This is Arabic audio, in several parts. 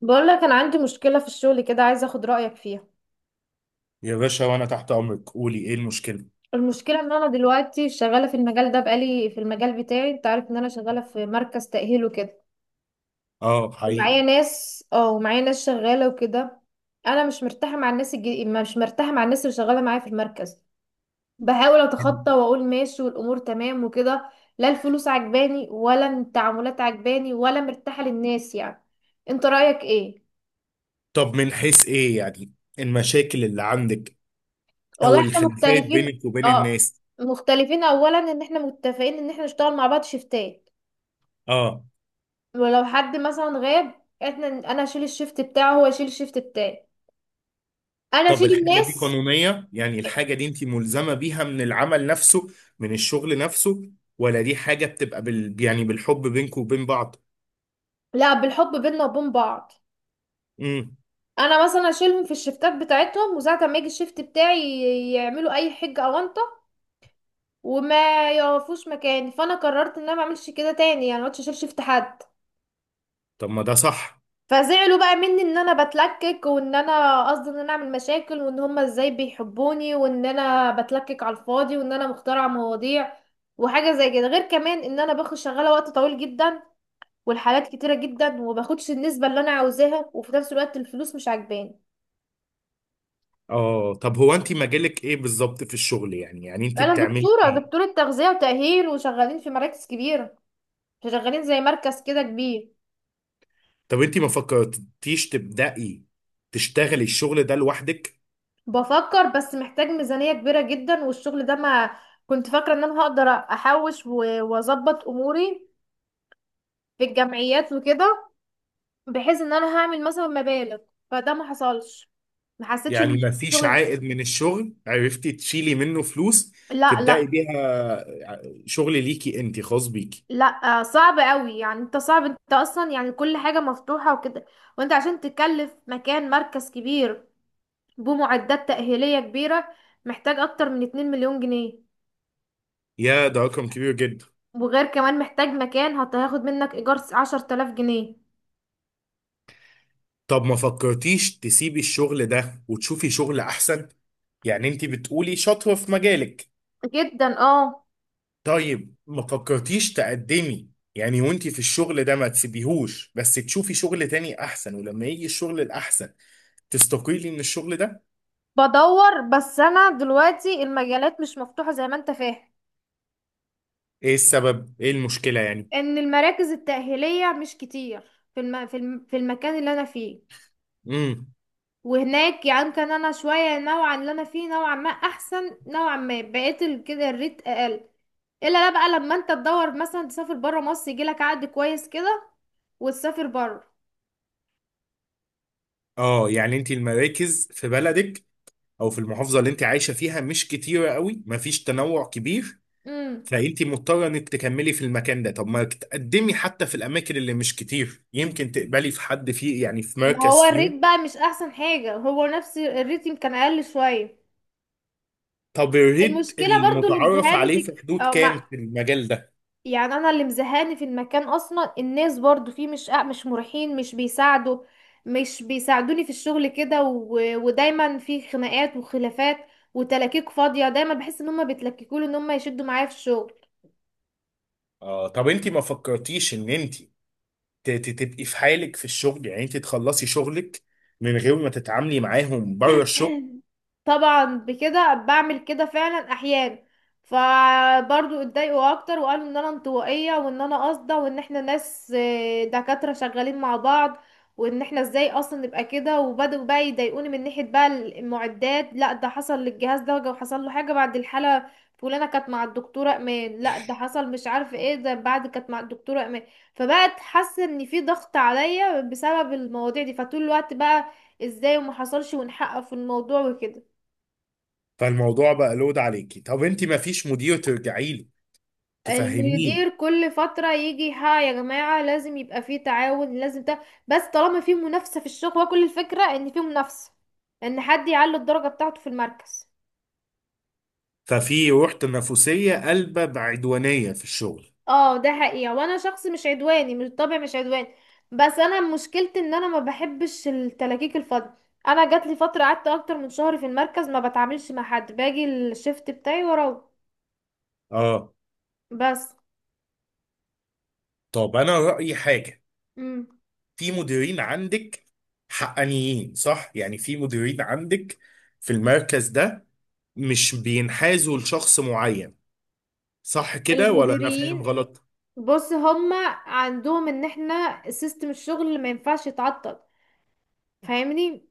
بقول لك انا عندي مشكله في الشغل كده، عايزه اخد رايك فيها. يا باشا، وانا تحت امرك. قولي ايه المشكله؟ المشكله ان انا دلوقتي شغاله في المجال ده، بقالي في المجال بتاعي. انت عارف ان انا شغاله في مركز تاهيل وكده. اه، حقيقي. ومعايا ناس شغاله وكده. انا مش مرتاحه مع الناس مش مرتاحه مع الناس اللي شغاله معايا في المركز. بحاول اتخطى واقول ماشي والامور تمام وكده. لا الفلوس عجباني، ولا التعاملات عجباني، ولا مرتاحه للناس يعني. انت رايك ايه؟ طب من حيث ايه يعني؟ المشاكل اللي عندك والله او احنا الخلافات مختلفين بينك وبين اه. الناس؟ مختلفين، اولا ان احنا متفقين ان احنا نشتغل مع بعض شيفتات. اه. ولو حد مثلا غاب، احنا اشيل الشيفت بتاعه، هو يشيل الشيفت بتاعي. انا طب اشيل الحاجه دي الناس. قانونيه؟ يعني الحاجه دي انت ملزمه بيها من العمل نفسه، من الشغل نفسه، ولا دي حاجه بتبقى بالحب بينك وبين بعض؟ لا، بالحب بينا وبين بعض. امم. انا مثلا اشيلهم في الشيفتات بتاعتهم، وساعه ما يجي الشيفت بتاعي يعملوا اي حجه او انطه، وما يقفوش مكاني. فانا قررت ان انا ما اعملش كده تاني، يعني ما عدتش اشيل شيفت حد. طب ما ده صح. فزعلوا بقى مني ان انا بتلكك، وان انا قصدي ان انا اعمل مشاكل، وان هما ازاي بيحبوني، وان انا بتلكك على الفاضي، وان انا مخترعة مواضيع وحاجة زي كده. غير كمان ان انا باخد شغالة وقت طويل جدا، والحالات كتيرة جدا، وماخدش النسبة اللي انا عاوزاها، وفي نفس الوقت الفلوس مش عاجباني. اه. طب هو انت مجالك ايه بالظبط في الشغل؟ يعني انت انا بتعملي ايه؟ دكتورة تغذية وتأهيل، وشغالين في مراكز كبيرة، شغالين زي مركز كده كبير. طب انت ما فكرتيش تبدأي، تشتغلي الشغل ده لوحدك؟ بفكر، بس محتاج ميزانية كبيرة جدا، والشغل ده ما... كنت فاكرة ان انا هقدر احوش واظبط اموري في الجمعيات وكده، بحيث ان انا هعمل مثلا مبالغ. فده ما حصلش، ما حسيتش يعني ان ما فيش الشغل... عائد من الشغل عرفتي تشيلي منه فلوس لا تبدأي لا بيها، شغل ليكي انت خاص بيكي؟ لا. آه، صعب قوي يعني. انت صعب، انت اصلا يعني كل حاجة مفتوحة وكده. وانت عشان تكلف مكان مركز كبير بمعدات تأهيلية كبيرة، محتاج اكتر من 2 مليون جنيه. يا، ده رقم كبير جدا. وغير كمان محتاج مكان هياخد منك ايجار 10 آلاف جنيه. طب ما فكرتيش تسيبي الشغل ده وتشوفي شغل احسن؟ يعني انت بتقولي شاطرة في مجالك. جدا اه. طيب ما فكرتيش تقدمي؟ يعني وانت في الشغل ده ما تسيبيهوش، بس تشوفي شغل تاني احسن، ولما يجي الشغل الاحسن تستقيلي من الشغل ده. بدور، بس انا دلوقتي المجالات مش مفتوحة زي ما انت فاهم. ايه السبب، ايه المشكلة يعني؟ ان المراكز التأهيلية مش كتير في المكان اللي انا فيه. امم. وهناك يعني كان انا شوية نوعا، اللي انا فيه نوعا ما احسن، نوعا ما بقيت كده الريت اقل. الا لا، بقى لما انت تدور مثلا تسافر برا مصر يجيلك عقد كويس كده وتسافر برا. اه. يعني انت المراكز في بلدك او في المحافظه اللي انت عايشه فيها مش كتيره قوي، مفيش تنوع كبير، امم. فانت مضطره انك تكملي في المكان ده. طب ما تقدمي حتى في الاماكن اللي مش كتير، يمكن تقبلي في حد فيه يعني، في ما هو مركز فيهم. الريت بقى مش احسن حاجة، هو نفس الريت يمكن اقل شوية. طب الريت المشكلة برضو اللي المتعارف مزهقاني عليه في في حدود كام مع... في المجال ده؟ يعني انا اللي مزهقاني في المكان اصلا الناس برضو فيه، مش مش مريحين، مش بيساعدوا، مش بيساعدوني في الشغل كده ودايما في خناقات وخلافات وتلاكيك فاضية. دايما بحس ان هما بيتلككوا لي، ان هما يشدوا معايا في الشغل. اه. طب انت ما فكرتيش ان انت تبقي في حالك في الشغل، يعني انت تخلصي شغلك من غير ما تتعاملي معاهم بره الشغل؟ طبعا بكده، بعمل كده فعلا احيان. فبرضو اتضايقوا اكتر وقالوا ان انا انطوائيه، وان انا قاصده، وان احنا ناس آه، دكاتره شغالين مع بعض، وان احنا ازاي اصلا نبقى كده. وبدأوا بقى يضايقوني من ناحيه بقى المعدات. لا، ده حصل للجهاز ده وحصل له حاجه بعد الحاله فلانه كانت مع الدكتوره امان. لا، ده حصل مش عارفه ايه ده بعد كانت مع الدكتوره امان. فبقت حاسه ان في ضغط عليا بسبب المواضيع دي، فطول الوقت بقى ازاي وما حصلش ونحقق في الموضوع وكده. فالموضوع بقى لود عليكي. طب انت ما فيش مدير ترجعي له، المدير تفهمين؟ كل فترة يجي: ها يا جماعة لازم يبقى فيه تعاون، لازم ده. بس طالما فيه منافسة في الشغل، وكل الفكرة ان فيه منافسة ان حد يعلي الدرجة بتاعته في المركز. ففي روح تنافسية قلبة بعدوانية في الشغل. اه ده حقيقة. وانا شخص مش عدواني من الطبع، مش عدواني. بس انا مشكلتي ان انا ما بحبش التلاكيك الفاضية. انا جات لي فترة قعدت اكتر من شهر في المركز ما بتعاملش مع حد، باجي الشفت بتاعي واروح. اه. بس. طب انا رأيي حاجة. مم. في مديرين عندك حقانيين، صح؟ يعني في مديرين عندك في المركز ده مش بينحازوا لشخص معين، صح كده ولا انا فاهم المديرين، غلط؟ بص هما عندهم ان احنا سيستم الشغل ما ينفعش يتعطل. فاهمني،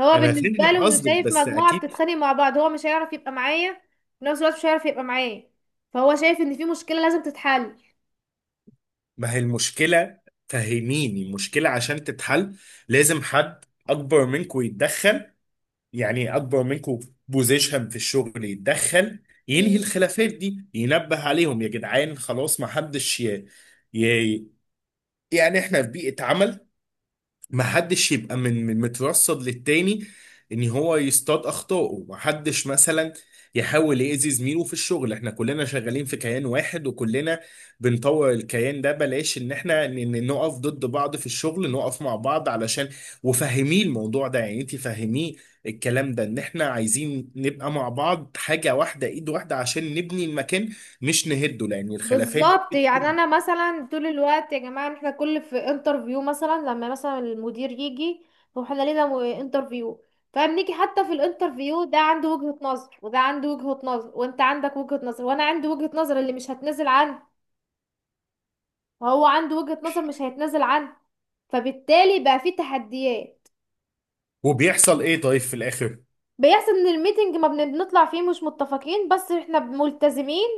هو انا فاهم بالنسبه له انه قصدك، شايف بس مجموعه اكيد. بتتخانق مع بعض، هو مش هيعرف يبقى معايا. في نفس الوقت مش هيعرف يبقى معايا. فهو شايف ان في مشكله لازم تتحل. ما هي المشكلة؟ فهميني المشكلة عشان تتحل. لازم حد اكبر منكم يتدخل، يعني اكبر منكم بوزيشن في الشغل، يتدخل ينهي مم. الخلافات دي، ينبه عليهم، يا جدعان خلاص ما حدش ي... يعني احنا في بيئة عمل، ما حدش يبقى من مترصد للتاني ان هو يصطاد اخطائه. ما حدش مثلا يحاول يأذي زميله في الشغل. احنا كلنا شغالين في كيان واحد، وكلنا بنطور الكيان ده، بلاش ان احنا نقف ضد بعض في الشغل، نقف مع بعض علشان. وفهميه الموضوع ده، يعني انت فهميه الكلام ده، ان احنا عايزين نبقى مع بعض حاجة واحدة، ايد واحدة عشان نبني المكان مش نهده، لان الخلافات دي بالظبط. يعني بتهد. انا مثلا طول الوقت يا جماعه، احنا كل في انترفيو مثلا لما مثلا المدير يجي، هو احنا لينا انترفيو، فبنيجي حتى في الانترفيو ده، عنده وجهه نظر، وده عنده وجهه نظر، وانت عندك وجهه نظر، وانا عندي وجهه نظر اللي مش هتنزل عندي، وهو عنده وجهة نظر مش هيتنازل عنها. فبالتالي بقى فيه تحديات. وبيحصل ايه طيب في الاخر؟ بيحصل ان الميتنج ما بن- بنطلع فيه مش متفقين، بس احنا ملتزمين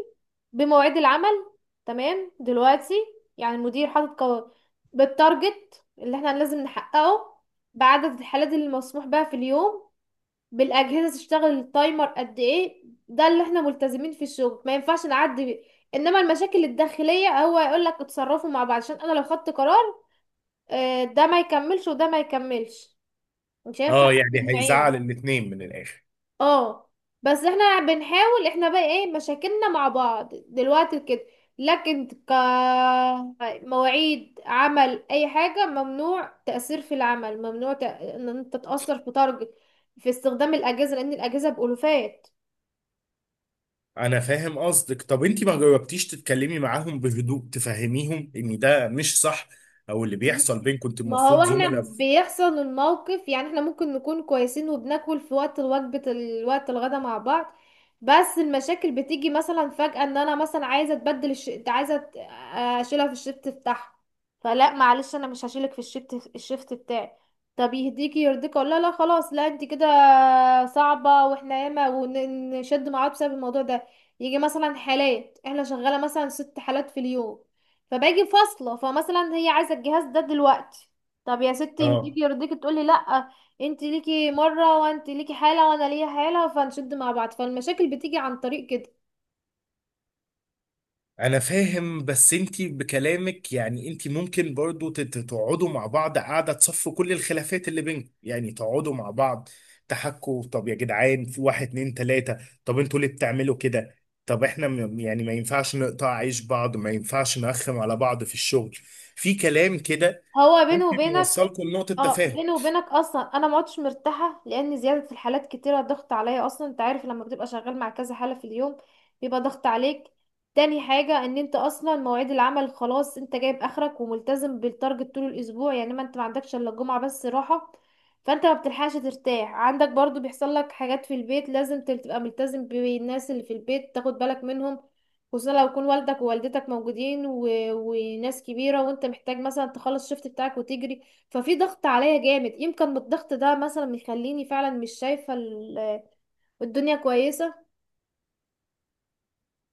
بمواعيد العمل. تمام دلوقتي، يعني المدير حاطط بالتارجت اللي احنا لازم نحققه، بعدد الحالات اللي مسموح بها في اليوم، بالاجهزه تشتغل التايمر قد ايه. ده اللي احنا ملتزمين في الشغل ما ينفعش نعدي بيه. انما المشاكل الداخليه هو يقول لك اتصرفوا مع بعض، عشان انا لو خدت قرار آه، ده ما يكملش وده ما يكملش، مش هينفع اه، حد يعني بعينه. هيزعل الاتنين من الاخر. اه. بس احنا بنحاول. احنا بقى ايه مشاكلنا مع بعض دلوقتي كده، لكن مواعيد عمل اي حاجة ممنوع. تأثير في العمل ممنوع، ان انت تتأثر في تارجت، في استخدام الأجهزة، لأن الأجهزة بألوفات. انا فاهم قصدك. طب انت ما جربتيش تتكلمي معاهم بهدوء، تفهميهم ان ده مش صح، او اللي بيحصل بينكم؟ انت ما هو المفروض احنا زملاء في-. بيحصل الموقف، يعني احنا ممكن نكون كويسين، وبناكل في وقت الوجبة الوقت الغدا مع بعض. بس المشاكل بتيجي مثلا فجأة. ان انا مثلا عايزة اتبدل انت عايزة اشيلها في الشيفت بتاعها. فلا معلش انا مش هشيلك في الشيفت بتاعي. طب يهديكي يرضيك اقول لها لا خلاص، لا انت كده صعبة. واحنا ياما ونشد مع بعض بسبب الموضوع ده. يجي مثلا حالات احنا شغالة مثلا 6 حالات في اليوم، فباجي فاصلة، فمثلا هي عايزة الجهاز ده دلوقتي. طب يا ستي اه، يهديكي يرضيكي تقولي لا، انت ليكي مرة وانت ليكي حالة وانا ليا حالة، فنشد مع بعض. فالمشاكل بتيجي عن طريق كده. انا فاهم. بس انتي بكلامك يعني انتي ممكن برضو تقعدوا مع بعض، قاعدة تصفوا كل الخلافات اللي بينكم، يعني تقعدوا مع بعض تحكوا، طب يا جدعان في واحد اتنين تلاتة، طب انتوا ليه بتعملوا كده؟ طب احنا يعني ما ينفعش نقطع عيش بعض، ما ينفعش نرخم على بعض في الشغل، في كلام كده هو بينه ممكن وبينك. يوصلكم لنقطة اه، تفاهم. بيني وبينك اصلا انا ما عدتش مرتاحه، لان زياده الحالات كتيره ضغط عليا اصلا. انت عارف لما بتبقى شغال مع كذا حاله في اليوم بيبقى ضغط عليك. تاني حاجه ان انت اصلا مواعيد العمل خلاص، انت جايب اخرك وملتزم بالتارجت طول الاسبوع، يعني ما انت ما عندكش الا الجمعه بس راحه. فانت ما بتلحقش ترتاح. عندك برضو بيحصل لك حاجات في البيت لازم تبقى ملتزم بالناس اللي في البيت تاخد بالك منهم، خصوصا لو يكون والدك ووالدتك موجودين وناس كبيره، وانت محتاج مثلا تخلص الشفت بتاعك وتجري. ففي ضغط عليا جامد، يمكن من الضغط ده مثلا يخليني فعلا مش شايفة الدنيا كويسة.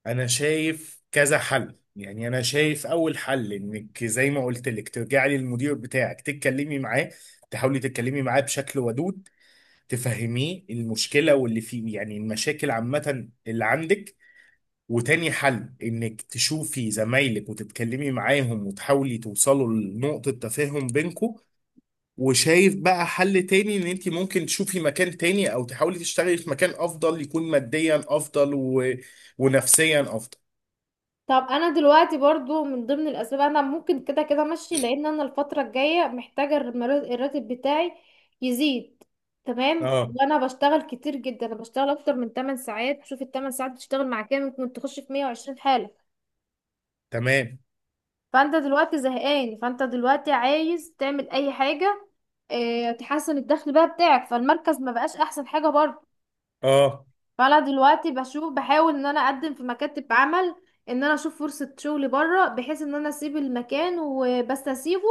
انا شايف كذا حل، يعني انا شايف اول حل انك زي ما قلت لك ترجعي للمدير بتاعك، تتكلمي معاه، تحاولي تتكلمي معاه بشكل ودود، تفهميه المشكله واللي فيه، يعني المشاكل عامه اللي عندك. وتاني حل انك تشوفي زمايلك وتتكلمي معاهم، وتحاولي توصلوا لنقطه تفاهم بينكم. وشايف بقى حل تاني ان انت ممكن تشوفي مكان تاني، او تحاولي تشتغلي في مكان افضل، يكون ماديا افضل ونفسيا افضل. طب انا دلوقتي برضو من ضمن الاسباب انا ممكن كده كده ماشي، لان انا الفترة الجاية محتاجة الراتب بتاعي يزيد. تمام، اه، وانا بشتغل كتير جدا، انا بشتغل اكتر من 8 ساعات. شوف ال 8 ساعات بتشتغل مع كام، ممكن تخش في 120 حالة. تمام. فانت دلوقتي زهقان، فانت دلوقتي عايز تعمل اي حاجة، اه تحسن الدخل بقى بتاعك. فالمركز ما بقاش احسن حاجة برضه. اه فانا دلوقتي بشوف، بحاول ان انا اقدم في مكاتب عمل، ان انا اشوف فرصة شغل بره، بحيث ان انا اسيب المكان. وبس اسيبه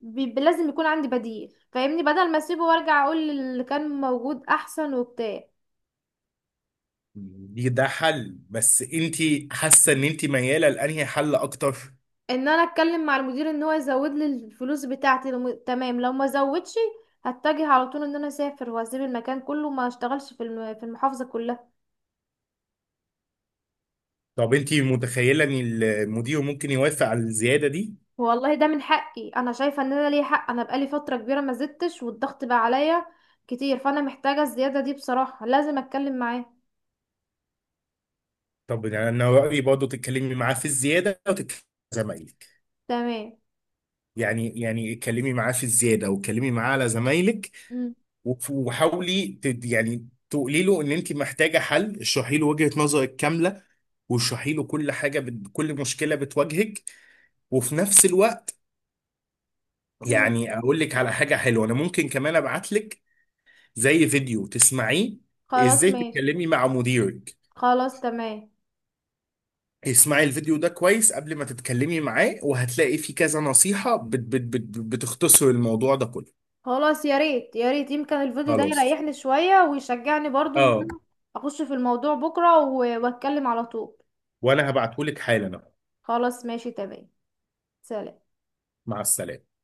بيبقى لازم يكون عندي بديل فاهمني، بدل ما اسيبه وارجع اقول اللي كان موجود احسن وبتاع. دي ده حل، بس انت حاسه ان انت مياله لانهي حل اكتر؟ ان انا اتكلم مع المدير ان هو يزود لي الفلوس بتاعتي، لو تمام. لو ما زودش هتجه على طول ان انا اسافر واسيب المكان كله، ما اشتغلش في في المحافظة كلها. طب انت متخيله ان المدير ممكن يوافق على الزياده دي؟ والله ده من حقي، انا شايفه ان انا ليا حق، انا بقالي فتره كبيره ما زدتش، والضغط بقى عليا كتير. فانا محتاجه الزياده دي بصراحه، لازم اتكلم معاه. طب انا رايي برضه تتكلمي معاه في الزياده، وتتكلمي مع زمايلك. تمام. يعني اتكلمي معاه في الزياده واتكلمي معاه على زمايلك. مم. وحاولي تقولي له ان انت محتاجه حل، اشرحي له وجهه نظرك كامله، واشرحي له كل حاجه كل مشكله بتواجهك، وفي نفس الوقت مم. يعني اقول لك على حاجه حلوه. انا ممكن كمان ابعت لك زي فيديو تسمعيه، خلاص ازاي ماشي. تتكلمي مع مديرك. خلاص تمام. اسمعي الفيديو ده كويس قبل ما تتكلمي معاه، وهتلاقي فيه كذا نصيحه بت بت بت بتختصر الموضوع ده كله. خلاص يا ريت يا ريت، يمكن الفيديو ده خلاص. يريحني شويه ويشجعني برضو ان اه انا اخش في الموضوع بكره واتكلم على طول. وانا هبعته لك حالا أهو. خلاص ماشي تمام. سلام. مع السلامه.